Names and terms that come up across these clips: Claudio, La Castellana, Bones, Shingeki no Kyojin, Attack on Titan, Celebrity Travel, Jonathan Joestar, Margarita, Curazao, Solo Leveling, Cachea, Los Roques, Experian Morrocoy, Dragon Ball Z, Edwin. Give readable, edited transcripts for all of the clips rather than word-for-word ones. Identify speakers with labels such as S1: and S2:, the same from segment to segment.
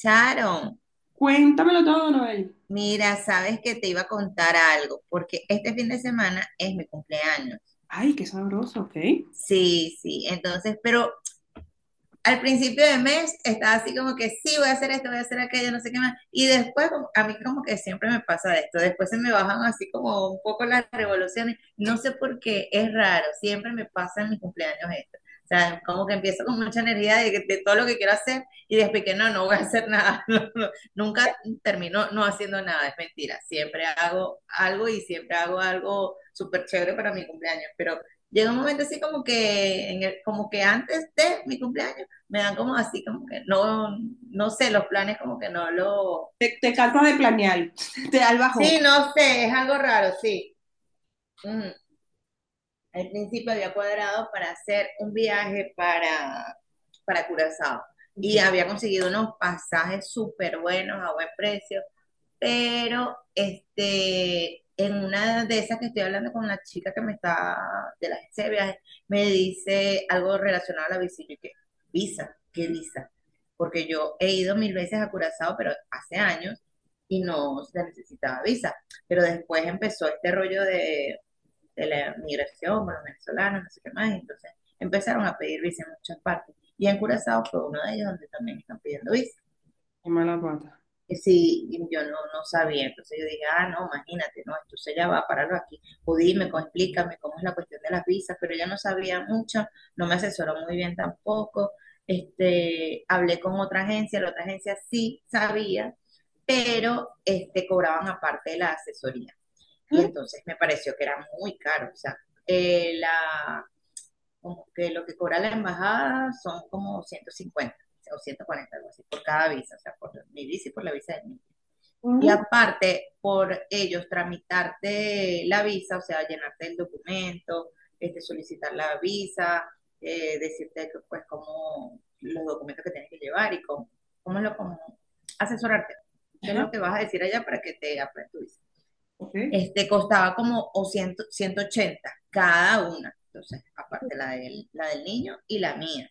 S1: Sharon,
S2: Cuéntamelo todo, Noel.
S1: mira, sabes que te iba a contar algo, porque este fin de semana es mi cumpleaños.
S2: Ay, qué sabroso, ok.
S1: Sí, sí, entonces, pero al principio de mes estaba así como que sí, voy a hacer esto, voy a hacer aquello, no sé qué más. Y después, a mí como que siempre me pasa esto, después se me bajan así como un poco las revoluciones. No sé por qué, es raro, siempre me pasa en mis cumpleaños esto. O sea, como que empiezo con mucha energía de todo lo que quiero hacer y después que no, no voy a hacer nada. No, no, nunca termino no haciendo nada, es mentira. Siempre hago algo y siempre hago algo súper chévere para mi cumpleaños, pero... Llega un momento así como que, como que antes de mi cumpleaños me dan como así, como que no, no sé, los planes como que no lo...
S2: Te cansas de planear, te da el bajón.
S1: Sí, no sé, es algo raro, sí. Ujú. Al principio había cuadrado para hacer un viaje para Curazao
S2: Ok,
S1: y había conseguido unos pasajes súper buenos a buen precio, pero este, en una de esas que estoy hablando con la chica que me está de la agencia de viajes, me dice algo relacionado a la visa. Y yo, ¿qué? ¿Visa? ¿Qué visa? Porque yo he ido 1,000 veces a Curazao, pero hace años y no se necesitaba visa. Pero después empezó este rollo de la migración, los venezolanos, no sé qué más, y entonces empezaron a pedir visa en muchas partes. Y en Curazao fue uno de ellos donde también están pidiendo visa.
S2: qué mala pata.
S1: Sí, y yo no, no sabía, entonces yo dije, ah, no, imagínate, no, entonces ella va a pararlo aquí, o dime, explícame cómo es la cuestión de las visas, pero ella no sabía mucho, no me asesoró muy bien tampoco, este, hablé con otra agencia, la otra agencia sí sabía, pero este, cobraban aparte de la asesoría, y entonces me pareció que era muy caro, o sea, la, como que lo que cobra la embajada son como 150 o 140, algo así, por cada visa, o sea, por mi visa y por la visa de, y aparte, por ellos tramitarte la visa, o sea, llenarte el documento, este, solicitar la visa, decirte que, pues cómo los documentos que tienes que llevar y cómo, cómo es lo como asesorarte, qué es
S2: Ajá,
S1: lo que vas a decir allá para que te aprueben tu visa.
S2: ok,
S1: Este costaba como o 100, 180 cada una, entonces, aparte la del niño y la mía,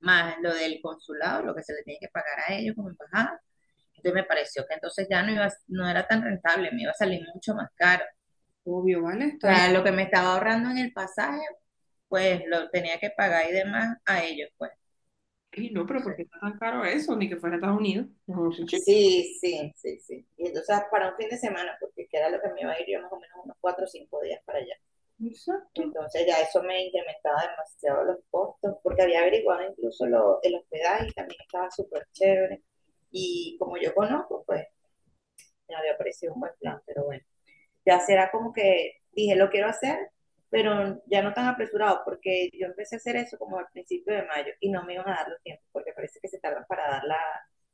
S1: más lo del consulado, lo que se le tiene que pagar a ellos como embajada, entonces me pareció que entonces ya no, iba, no era tan rentable, me iba a salir mucho más caro.
S2: obvio, ¿vale?
S1: O
S2: Está...
S1: sea, lo que me estaba ahorrando en el pasaje, pues lo tenía que pagar y demás a ellos, pues.
S2: Y no, pero ¿por qué
S1: Entonces,
S2: está tan caro eso? Ni que fuera a Estados Unidos. Mejor sin chico.
S1: sí, sí, sí, sí. Y entonces para un fin de semana, porque que era lo que me iba a ir yo más o menos unos 4 o 5 días para allá.
S2: Exacto,
S1: Entonces ya eso me incrementaba demasiado los costos, porque había averiguado incluso lo, el hospedaje y también estaba súper chévere. Y como yo conozco, pues me había parecido un buen plan, pero bueno, ya será como que dije, lo quiero hacer, pero ya no tan apresurado, porque yo empecé a hacer eso como al principio de mayo y no me iban a dar los tiempos, porque parece que se tardan para dar la,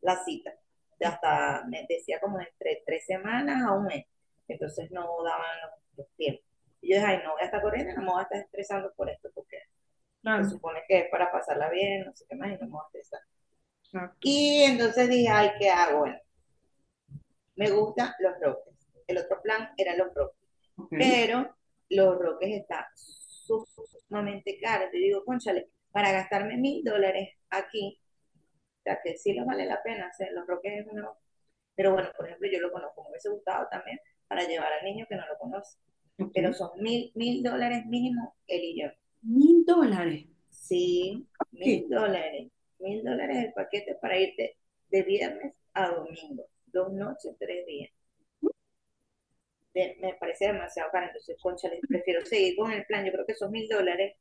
S1: la cita. Hasta me decía como entre 3 semanas a un mes, entonces no daban los tiempos. Y yo dije, ay, no voy a estar corriendo, no me voy a estar estresando por esto, porque se
S2: claro,
S1: supone que es para pasarla bien, no sé qué más, y no me voy a estresar.
S2: exacto.
S1: Y entonces dije, ay, ¿qué hago? Bueno, me gustan los roques. El otro plan eran los roques,
S2: Ok,
S1: pero Los Roques está sumamente caro. Te digo, cónchale, para gastarme $1,000 aquí, o sea, que sí lo vale la pena, o sea, Los Roques es uno, pero bueno, por ejemplo, yo lo conozco, me hubiese gustado también para llevar al niño que no lo conoce,
S2: ok.
S1: pero son mil dólares mínimo él y yo.
S2: Mil dólares.
S1: Sí,
S2: ¿Qué?
S1: $1,000, mil dólares el paquete para irte de viernes a domingo, 2 noches, 3 días. De- me parece demasiado caro, entonces, cónchale, prefiero seguir con el plan, yo creo que esos $1,000,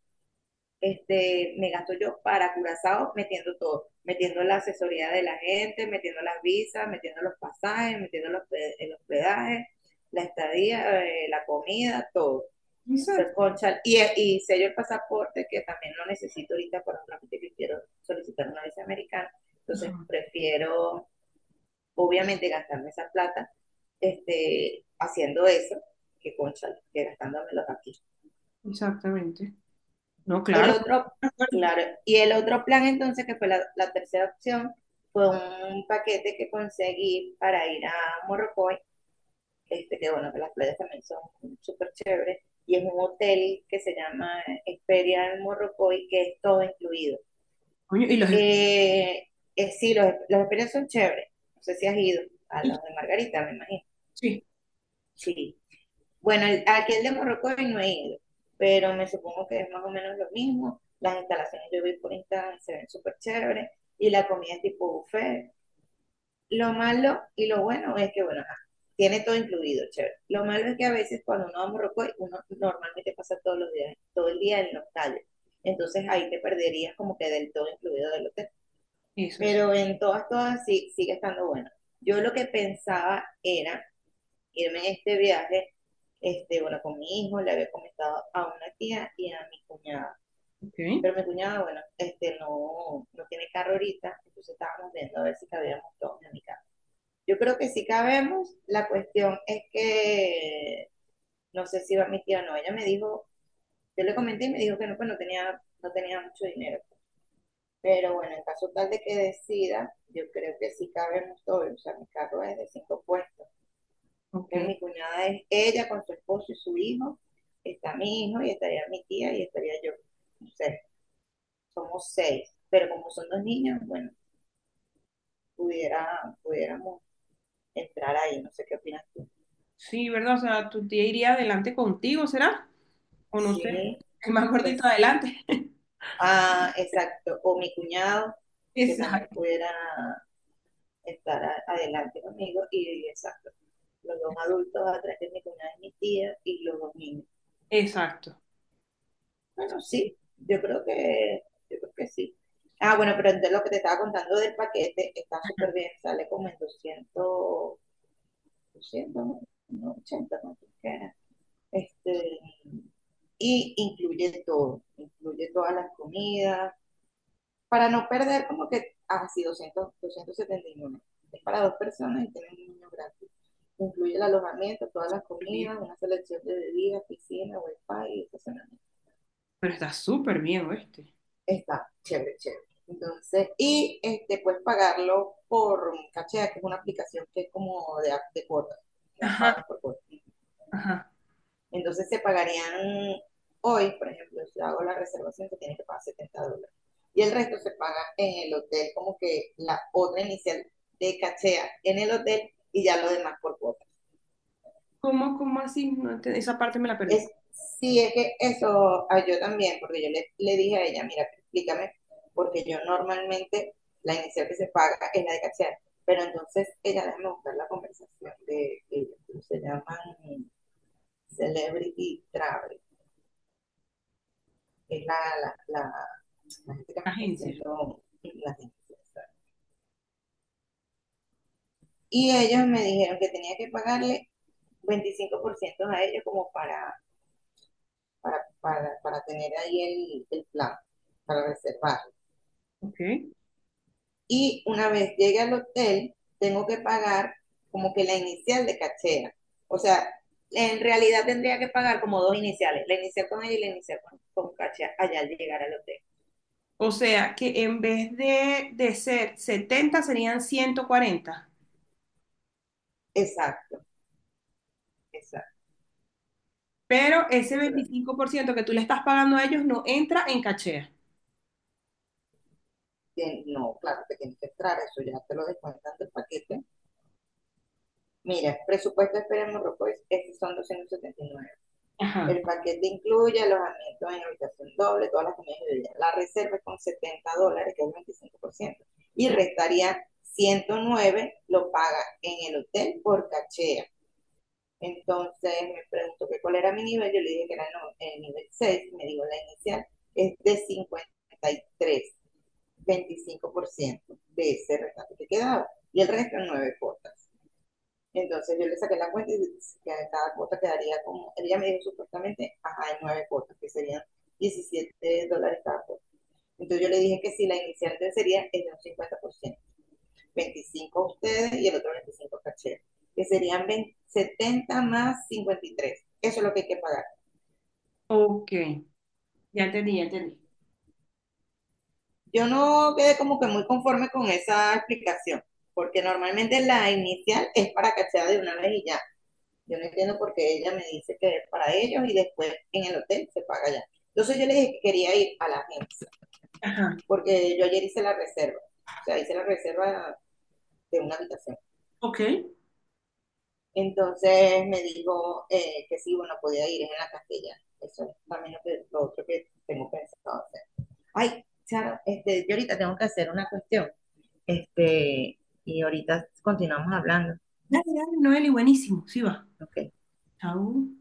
S1: este, me gasto yo para Curazao metiendo todo, metiendo la asesoría de la gente, metiendo las visas, metiendo los pasajes, metiendo los, el hospedaje, la estadía, la comida, todo. O sea,
S2: Exacto.
S1: concha, y sello el pasaporte, que también lo necesito ahorita por un trámite que quiero solicitar una visa americana.
S2: Ajá,
S1: Entonces, prefiero, obviamente, gastarme esa plata, este, haciendo eso que, concha, que gastándomelo aquí.
S2: exactamente. No,
S1: El
S2: claro.
S1: otro, claro, y el otro plan entonces, que fue la, la tercera opción, fue un paquete que conseguí para ir a Morrocoy, este, que bueno, que las playas también son súper chéveres, y es un hotel que se llama Experian Morrocoy, que es todo incluido.
S2: Coño, y los...
S1: Eh, sí, los Experian son chéveres, no sé si has ido a los de Margarita, me imagino.
S2: Sí,
S1: Sí, bueno, aquí el de Morrocoy no he ido, pero me supongo que es más o menos lo mismo. Las instalaciones yo vi por Instagram, se ven súper chéveres y la comida es tipo buffet. Lo malo y lo bueno es que, bueno, tiene todo incluido, chévere. Lo malo es que a veces cuando uno va a Morrocoy, uno normalmente pasa todos los días, todo el día en los calles. Entonces ahí te perderías como que del todo incluido del hotel.
S2: eso sí.
S1: Pero en todas, todas sí, sigue estando bueno. Yo lo que pensaba era irme en este viaje, este, bueno, con mi hijo, le había comentado a una tía y a mi cuñada.
S2: Ok,
S1: Pero mi cuñada, bueno, este, no, no tiene carro ahorita, entonces estábamos viendo a ver si cabíamos todos en mi casa. Yo creo que sí cabemos, la cuestión es que no sé si va mi tía o no, ella me dijo, yo le comenté y me dijo que no, pues no tenía, no tenía mucho dinero. Pero bueno, en caso tal de que decida, yo creo que sí cabemos todos, o sea, mi carro es de cinco puestos. Entonces,
S2: ok.
S1: mi cuñada es ella con su esposo y su hijo, está mi hijo y estaría mi tía y estaría yo. No sé, somos seis, pero como son dos niños, bueno, pudiera, pudiéramos entrar ahí, no sé qué opinas tú.
S2: Sí, ¿verdad? O sea, tu tía iría adelante contigo, ¿será? O no sé,
S1: Sí,
S2: el más gordito
S1: es,
S2: adelante.
S1: ah, exacto, o mi cuñado, que también
S2: Exacto.
S1: pudiera estar adelante conmigo y, exacto, los dos adultos atrás de mi cuñada y mi tía y los dos niños.
S2: Exacto. Sí,
S1: Bueno,
S2: sí,
S1: sí, yo creo que, yo creo que sí. Ah, bueno, pero entonces lo que te estaba contando del paquete está súper bien, sale como en doscientos, no, no, 80, no sé qué. Este, y incluye todo, incluye todas las comidas, para no perder como que, así doscientos setenta y 271. Es para dos personas y tiene un niño gratis. Incluye el alojamiento, todas las
S2: súper bien.
S1: comidas, una selección de bebidas, piscina, wifi y estacionamiento.
S2: Pero está súper bien, ¿oíste?
S1: Está chévere, chévere. Entonces, y este, puedes pagarlo por Cachea, que es una aplicación que es como de cuotas, que vas
S2: Ajá,
S1: pagando por cuotas.
S2: ajá.
S1: Entonces, se pagarían hoy, por ejemplo, si hago la reservación, que tiene que pagar $70. Y el resto se paga en el hotel, como que la otra inicial de Cachea en el hotel y ya lo demás por cuotas.
S2: ¿Cómo, cómo así? No ente- Esa parte me la perdí.
S1: Es, sí, es que eso a yo también, porque yo le dije a ella, mira, explícame, porque yo normalmente la inicial que se paga es la de cachear, pero entonces ella, déjame buscar la conversación de, se llaman Celebrity Travel, es la, la, la gente que me está
S2: Agencia.
S1: haciendo las iniciales. Y ellos me dijeron que tenía que pagarle 25% a ellos como para tener ahí el plan, para reservar.
S2: Ok.
S1: Y una vez llegue al hotel, tengo que pagar como que la inicial de cachera. O sea, en realidad tendría que pagar como dos iniciales, la inicial con ella y la inicial con cachera allá al llegar al hotel.
S2: O sea, que en vez de, ser 70 serían 140.
S1: Exacto, exacto.
S2: Pero ese
S1: Eso fue lo
S2: 25% que tú le estás pagando a ellos no entra en cachea.
S1: que... No, claro, te tienes que entrar, eso ya te lo descuentan del paquete. Mira, presupuesto de esperemos, Morrocoy, estos son 279.
S2: Ajá.
S1: El paquete incluye alojamiento en habitación doble, todas las comidas y bebidas. La reserva es con $70, que es el 25%, y restaría 109, lo paga en el hotel por cachea. Entonces me preguntó que cuál era mi nivel, yo le dije que era el nivel 6. Me dijo la inicial, es de 53, 25% de ese rescate que quedaba. Y el resto en 9 cuotas. Entonces yo le saqué la cuenta y que cada cuota quedaría como, ella me dijo supuestamente, ajá, en nueve cuotas, que serían $17 cada cuota. Entonces yo le dije que si la inicial sería el de un 50%, 25 ustedes y el otro 25 caché, que serían setenta más 53. Eso es lo que hay que pagar.
S2: Ok, ya entendí, ya entendí.
S1: Yo no quedé como que muy conforme con esa explicación, porque normalmente la inicial es para cachar de una vez y ya. Yo no entiendo por qué ella me dice que es para ellos y después en el hotel se paga ya. Entonces yo le dije que quería ir a la agencia,
S2: Ajá.
S1: porque yo ayer hice la reserva, o sea, hice la reserva de una habitación.
S2: Ok.
S1: Entonces me dijo, que sí, bueno, podía ir, es en la castellana. Eso es también lo, que, lo otro que tengo pensado hacer. Ay, Charo, este, yo ahorita tengo que hacer una cuestión, este, y ahorita continuamos hablando,
S2: Dale, dale, Noeli, buenísimo. Sí va.
S1: ¿ok?
S2: Chau.